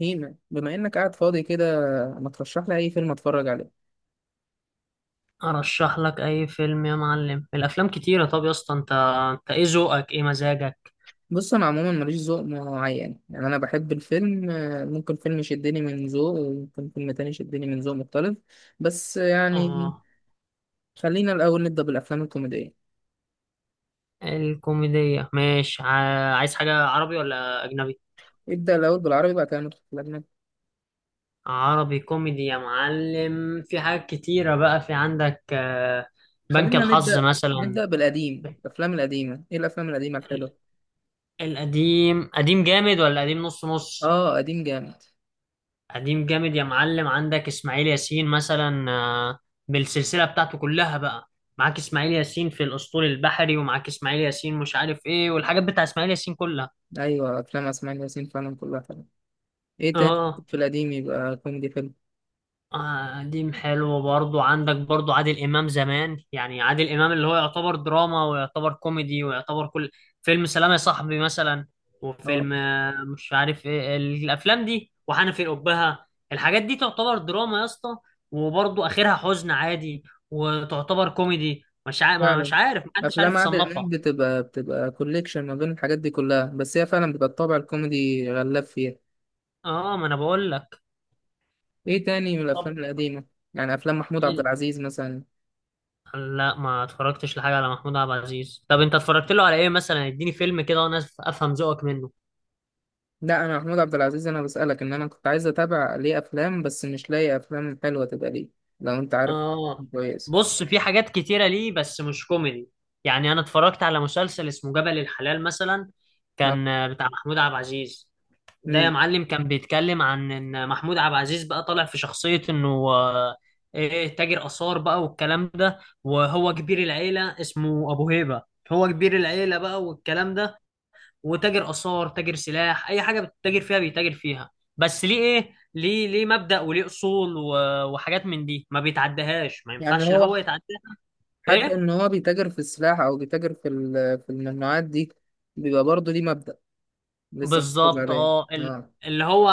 مين بما انك قاعد فاضي كده، ما ترشح لي اي فيلم اتفرج عليه. ارشح لك اي فيلم يا معلم. الافلام كتيره. طب يا اسطى، انت ايه ذوقك؟ ايه مزاجك؟ بص، انا عموما ماليش ذوق معين، يعني انا بحب الفيلم. ممكن فيلم يشدني من ذوق وممكن فيلم تاني يشدني من ذوق مختلف، بس يعني اه، خلينا الاول نبدا بالافلام الكوميديه. الكوميديه ماشي. عايز حاجه عربي ولا اجنبي؟ ابدا الاول بالعربي بعد كده ندخل في الاجنبي. عربي كوميدي يا معلم، في حاجات كتيره بقى في عندك. بنك خلينا الحظ نبدا مثلا. نبدا بالقديم. الافلام القديمه، ايه الافلام القديمه الحلوه؟ ال- القديم قديم جامد ولا قديم نص نص؟ اه، قديم جامد. قديم جامد يا معلم، عندك اسماعيل ياسين مثلا، بالسلسله بتاعته كلها بقى. معاك اسماعيل ياسين في الاسطول البحري، ومعاك اسماعيل ياسين مش عارف ايه، والحاجات بتاع اسماعيل ياسين كلها. ايوه، افلام اسماعيل ياسين فعلا كلها حلوه. ايه اه. تاني؟ آه. في القديم يبقى كوميدي حلو. قديم حلو برضو، عندك برضو عادل إمام زمان. يعني عادل إمام اللي هو يعتبر دراما ويعتبر كوميدي ويعتبر كل فيلم. سلام يا صاحبي مثلا، اه وفيلم مش عارف إيه الأفلام دي، وحنفي الأبهة. الحاجات دي تعتبر دراما يا اسطى، وبرضو آخرها حزن عادي، وتعتبر كوميدي. مش عارف، مش فعلا، عارف، محدش عارف افلام عادل امام يصنفها. بتبقى كوليكشن ما بين الحاجات دي كلها، بس هي فعلا بتبقى الطابع الكوميدي غلاب فيها. اه، ما انا بقول لك. ايه تاني من طب الافلام القديمه؟ يعني افلام محمود عبد العزيز مثلا. لا، ما اتفرجتش لحاجة على محمود عبد العزيز. طب انت اتفرجت له على ايه مثلا؟ اديني فيلم كده وانا افهم ذوقك منه. لا، انا محمود عبد العزيز انا بسالك ان انا كنت عايز اتابع ليه افلام بس مش لاقي افلام حلوه تبقى ليه، لو انت عارف. اه، كويس. بص، في حاجات كتيرة ليه بس مش كوميدي. يعني انا اتفرجت على مسلسل اسمه جبل الحلال مثلا، آه. كان بتاع محمود عبد العزيز. ده يا مم. معلم كان بيتكلم عن ان محمود عبد العزيز بقى طالع في شخصية انه آه، ايه، تاجر آثار بقى والكلام ده. وهو كبير العيلة اسمه ابو هيبة. هو كبير العيلة بقى والكلام ده. وتاجر آثار، تاجر سلاح، أي حاجة بتتاجر فيها بيتاجر فيها. بس ليه إيه، ليه، ليه مبدأ وليه أصول وحاجات من دي ما بيتعدهاش، ما يعني ينفعش لا هو هو، يتعداها. حتى إيه ان هو بيتاجر في السلاح او بيتاجر في في الممنوعات دي، بيبقى برضه ليه مبدأ لسه محافظ بالظبط. عليه. اه اه. اللي هو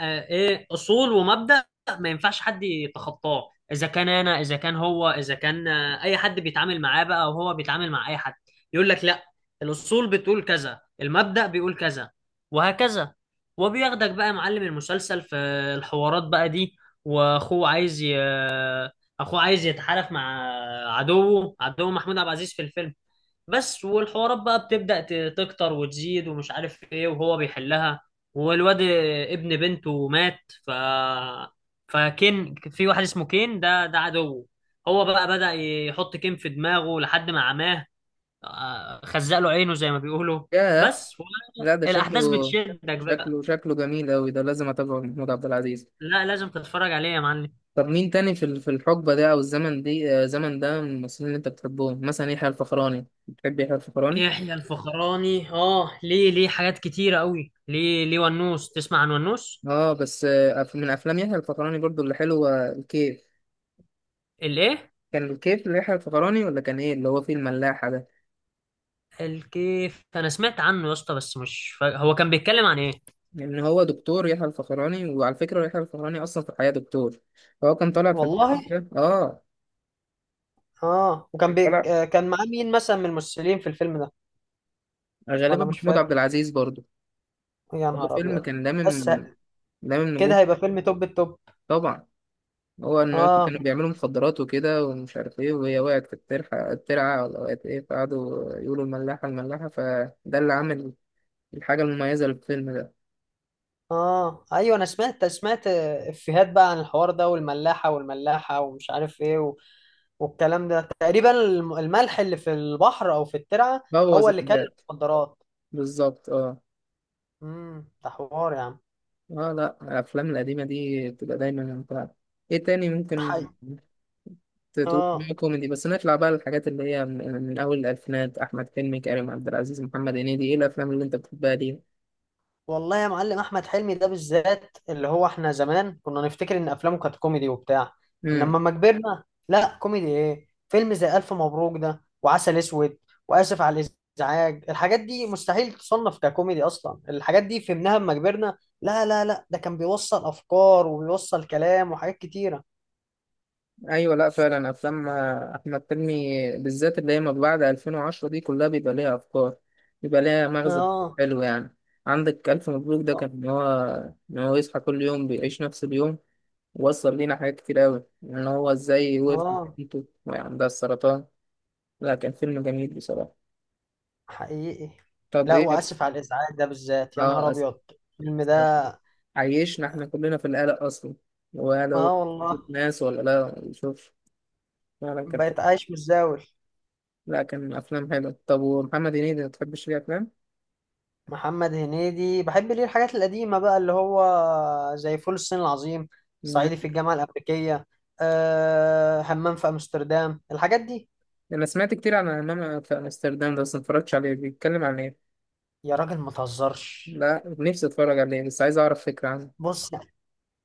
ايه، اصول ومبدأ. ما ينفعش حد يتخطاه، اذا كان انا، اذا كان هو، اذا كان اي حد بيتعامل معاه بقى، او هو بيتعامل مع اي حد، يقول لك لا، الاصول بتقول كذا، المبدأ بيقول كذا، وهكذا. وبياخدك بقى يا معلم المسلسل في الحوارات بقى دي. واخوه عايز اخوه عايز يتحالف مع عدوه، عدو محمود عبد العزيز في الفيلم. بس والحوارات بقى بتبدأ تكتر وتزيد ومش عارف ايه وهو بيحلها. والواد ابن بنته مات. ف فكين في واحد اسمه كين، ده عدو. هو بقى بدأ يحط كين في دماغه لحد ما عماه. خزق له عينه زي ما بيقولوا. ياه. بس لا، ده شكله، الأحداث بتشدك بقى. شكله جميل أوي، ده لازم أتابعه محمود عبد العزيز. لا لازم تتفرج عليه يا معلم. طب، مين تاني في في الحقبة ده أو الزمن دي، الزمن ده من الممثلين اللي أنت بتحبهم، مثلا يحيى الفخراني، بتحب يحيى الفخراني؟ يحيى الفخراني اه ليه ليه حاجات كتيرة قوي. ليه ليه ونوس. تسمع عن ونوس؟ أه بس، من أفلام يحيى الفخراني برضو اللي حلوة الكيف. الايه؟ كان الكيف ليحيى الفخراني ولا كان إيه اللي هو فيه الملاحة ده؟ الكيف انا سمعت عنه يا اسطى بس مش فا... هو كان بيتكلم عن ايه؟ لأن هو دكتور، يحيى الفخراني وعلى فكرة يحيى الفخراني أصلا في الحياة دكتور، فهو كان طالع في والله. الفيلم ده أه. اه وكان كان بيك طالع كان معاه مين مثلا من الممثلين في الفيلم ده؟ غالبا ولا مش محمود فارق. عبد العزيز برضو. يا هو نهار فيلم ابيض. كان بس لامم ه- لامم كده نجوم. هيبقى فيلم توب التوب. طبعا. هو ان هم اه. كانوا بيعملوا مخدرات وكده ومش عارف ايه، وهي وقعت في الترعه، الترعه ولا وقعت ايه، فقعدوا يقولوا الملاحه الملاحه، فده اللي عامل الحاجه المميزه للفيلم ده. اه ايوه، انا سمعت سمعت افيهات بقى عن الحوار ده، والملاحه والملاحه ومش عارف ايه والكلام ده تقريبا. الملح اللي في البحر او في الترعه بوظ هو اللي كان. الحاجات. المخدرات. بالظبط، اه. امم، ده حوار يا عم. اه لا، الافلام القديمه دي بتبقى دايما ممتعه. ايه تاني حي. ممكن تتوقع؟ اه كوميدي، بس نطلع بقى للحاجات اللي هي من اول الالفينات، احمد حلمي، كريم عبد العزيز، محمد هنيدي، ايه الافلام اللي انت بتحبها؟ والله يا معلم، احمد حلمي ده بالذات اللي هو احنا زمان كنا نفتكر ان افلامه كانت كوميدي وبتاع. دي. انما لما كبرنا، لا كوميدي ايه. فيلم زي الف مبروك ده، وعسل اسود، واسف على الازعاج، الحاجات دي مستحيل تصنف ككوميدي اصلا. الحاجات دي فهمناها لما كبرنا. لا لا لا، ده كان بيوصل افكار وبيوصل كلام وحاجات كتيرة. ايوه، لا فعلا، افلام احمد حلمي بالذات اللي هي ما بعد 2010 دي كلها بيبقى ليها افكار، بيبقى ليها مغزى، اه. حلو يعني. عندك الف مبروك، ده كان ان هو يصحى كل يوم بيعيش نفس اليوم، وصل لينا حاجات كتير قوي ان هو ازاي وقف مع اه بنته وهي عندها السرطان. لا، كان فيلم جميل بصراحه. حقيقي. طب لا ايه واسف على الازعاج ده بالذات، يا نهار اه، أسف. ابيض. الفيلم ده. السرطان عيشنا احنا كلنا في القلق اصلا، وقالوا اه والله. ناس ولا لا ما يشوفش، فعلا كان. بقيت عايش متزاول. لا، كان افلام حلوه. طب، ومحمد هنيدي ما تحبش ليه افلام؟ محمد هنيدي بحب ليه الحاجات القديمة بقى، اللي هو زي فول الصين العظيم، مم. صعيدي في الجامعة الأمريكية، أه همام في أمستردام، الحاجات دي. انا سمعت كتير عن امام في امستردام ده بس ما اتفرجتش عليه، بيتكلم عن ايه؟ يا راجل ما تهزرش. لا، نفسي اتفرج عليه بس عايز اعرف فكره عنه. بص،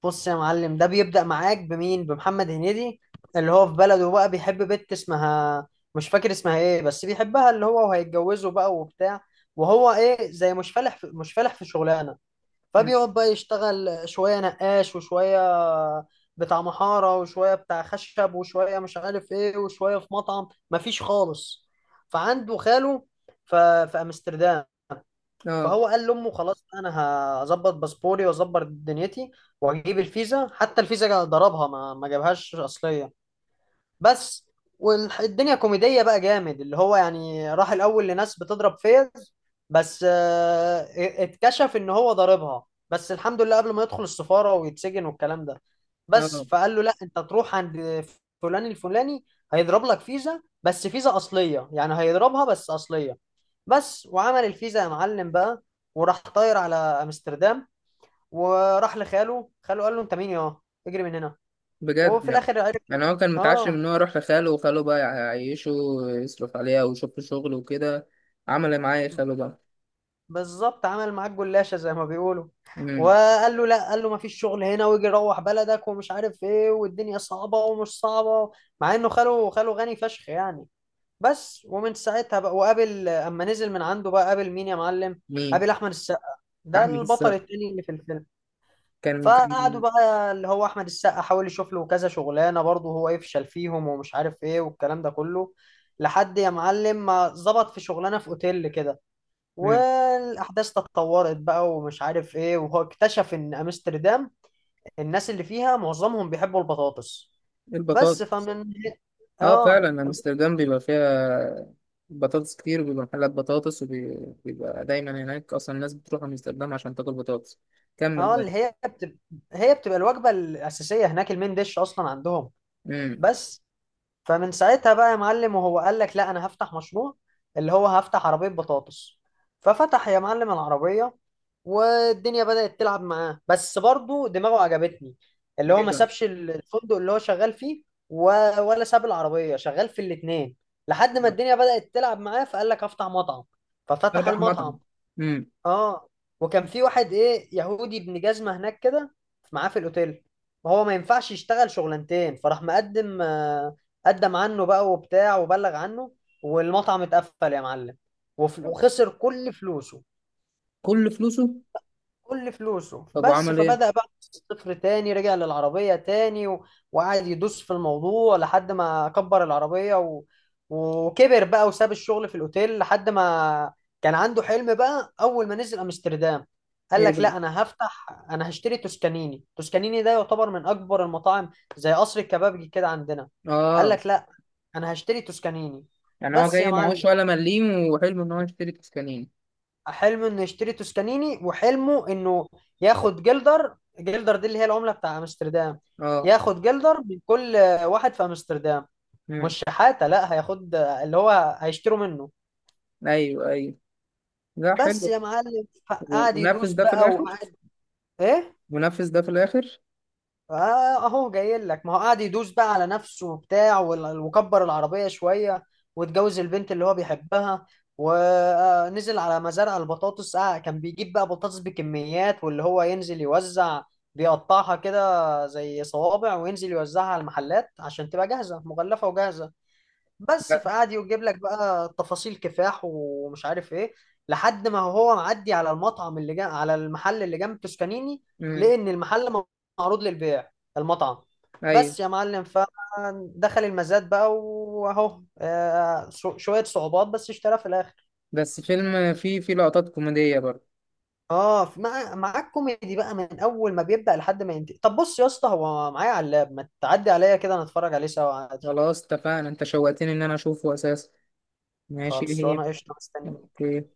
بص يا معلم، ده بيبدأ معاك بمين؟ بمحمد هنيدي اللي هو في بلده بقى بيحب بنت اسمها، مش فاكر اسمها ايه، بس بيحبها اللي هو وهيتجوزه بقى وبتاع. وهو ايه زي مش فالح في شغلانة. مم. فبيقعد بقى يشتغل شوية نقاش، وشوية بتاع محارة، وشوية بتاع خشب، وشوية مش عارف ايه، وشوية في مطعم، مفيش خالص. فعنده خاله في أمستردام. اه. فهو قال لأمه خلاص، أنا هظبط باسبوري وأظبط دنيتي وأجيب الفيزا. حتى الفيزا ضربها، ما ما جابهاش أصلية. بس والدنيا كوميدية بقى جامد، اللي هو يعني راح الأول لناس بتضرب فيز. بس اتكشف إن هو ضاربها، بس الحمد لله قبل ما يدخل السفارة ويتسجن والكلام ده. بس اه. فقال له لا أنت تروح عند فلان الفلاني، هيضرب لك فيزا بس فيزا أصلية، يعني هيضربها بس أصلية. بس وعمل الفيزا يا معلم بقى، وراح طاير على أمستردام. وراح لخاله، خاله قال له أنت مين يا، اجري من هنا. بجد؟ وفي يعني الآخر عرف. يعني هو كان متعشم اه ان هو يروح لخاله وخاله بقى يعيشه ويصرف عليها ويشوف له شغل وكده. عمل إيه معاه خاله بقى؟ بالظبط، عمل معاك جلاشة زي ما بيقولوا. مم. وقال له لا، قال له ما فيش شغل هنا، ويجي روح بلدك، ومش عارف ايه، والدنيا صعبة ومش صعبة. مع انه خاله، خاله غني فشخ يعني. بس ومن ساعتها بقى، وقابل اما نزل من عنده بقى، قابل مين يا معلم؟ مين؟ قابل احمد السقا، ده احمد البطل السقا. التاني اللي في الفيلم. كان فقعدوا كان بقى، اللي هو احمد السقا حاول يشوف له كذا شغلانة، برضه هو يفشل فيهم ومش عارف ايه والكلام ده كله، لحد يا معلم ما ظبط في شغلانة في اوتيل كده. مم. والاحداث تطورت بقى ومش عارف ايه، وهو اكتشف ان امستردام الناس اللي فيها معظمهم بيحبوا البطاطس. البطاطا. بس فمن. اه اه. فعلا، امستردام بيبقى فيها بطاطس كتير، وبيبقى محلات بطاطس، وبيبقى دايما هناك، اصلا الناس بتروح امستردام عشان تاكل بطاطس. كمل اه بقى. اللي هي بتبقى، هي بتبقى الوجبه الاساسيه هناك، المين ديش اصلا عندهم. امم. بس فمن ساعتها بقى يا معلم، وهو قال لك لا انا هفتح مشروع، اللي هو هفتح عربية بطاطس. ففتح يا معلم العربية، والدنيا بدأت تلعب معاه. بس برضه دماغه عجبتني، اللي هو ايه ما ده؟ سابش الفندق اللي هو شغال فيه، و... ولا ساب العربية، شغال في الاتنين. لحد ما الدنيا بدأت تلعب معاه، فقال لك افتح مطعم. ففتح فتح مطعم. المطعم. امم. اه. وكان في واحد ايه يهودي ابن جزمة هناك كده، معاه في الاوتيل. وهو ما ينفعش يشتغل شغلانتين، فراح مقدم قدم عنه بقى وبتاع وبلغ عنه. والمطعم اتقفل يا معلم. وخسر كل فلوسه. كل فلوسه. كل فلوسه. طب بس وعمل ايه؟ فبدأ بقى من الصفر تاني، رجع للعربية تاني وقعد يدوس في الموضوع لحد ما كبر العربية وكبر بقى وساب الشغل في الأوتيل. لحد ما كان عنده حلم بقى، أول ما نزل أمستردام، قال ايه لك بقى؟ لا أنا هفتح، أنا هشتري توسكانيني. توسكانيني ده يعتبر من أكبر المطاعم، زي قصر الكبابجي كده عندنا. قال اه. لك لا، أنا هشتري توسكانيني. يعني هو بس يا جاي معلم، معهوش ولا مليم، وحلم ان هو يشتري تسكانين. حلمه انه يشتري توسكانيني، وحلمه انه ياخد جلدر. جلدر دي اللي هي العملة بتاع امستردام. اه. ياخد جلدر من كل واحد في امستردام. امم. مش شحاتة، لا هياخد اللي هو هيشتروا منه. ايوه، ايوه. لا، بس يا حلو. معلم، قعد يدوس ونفذ ده في بقى الاخر؟ وقعد. ايه. ونفذ ده في الاخر اهو جاي لك، ما هو قاعد يدوس بقى على نفسه وبتاع وكبر العربية شوية، واتجوز البنت اللي هو بيحبها. ونزل على مزارع البطاطس. آه كان بيجيب بقى بطاطس بكميات، واللي هو ينزل يوزع، بيقطعها كده زي صوابع، وينزل يوزعها على المحلات عشان تبقى جاهزة مغلفة وجاهزة. بس لا. فقعد يجيب لك بقى تفاصيل كفاح ومش عارف ايه، لحد ما هو معدي على المطعم اللي جنب، على المحل اللي جنب توسكانيني، امم. لقى ان المحل معروض للبيع، المطعم. ايوه. بس يا معلم، فدخل المزاد بقى واهو شوية صعوبات، بس اشترى في الاخر. بس فيلم فيه لقطات كوميدية برضه. اه مع معاك كوميدي بقى من اول ما بيبدأ لحد ما ينتهي. طب بص يا اسطى، هو معايا على اللاب، ما تعدي عليا كده نتفرج عليه سوا عادي. خلاص اتفقنا، انت شوقتني ان انا اشوفه اساسا. ماشي، ايه هي؟ خلصانه قشطه، مستني. اوكي.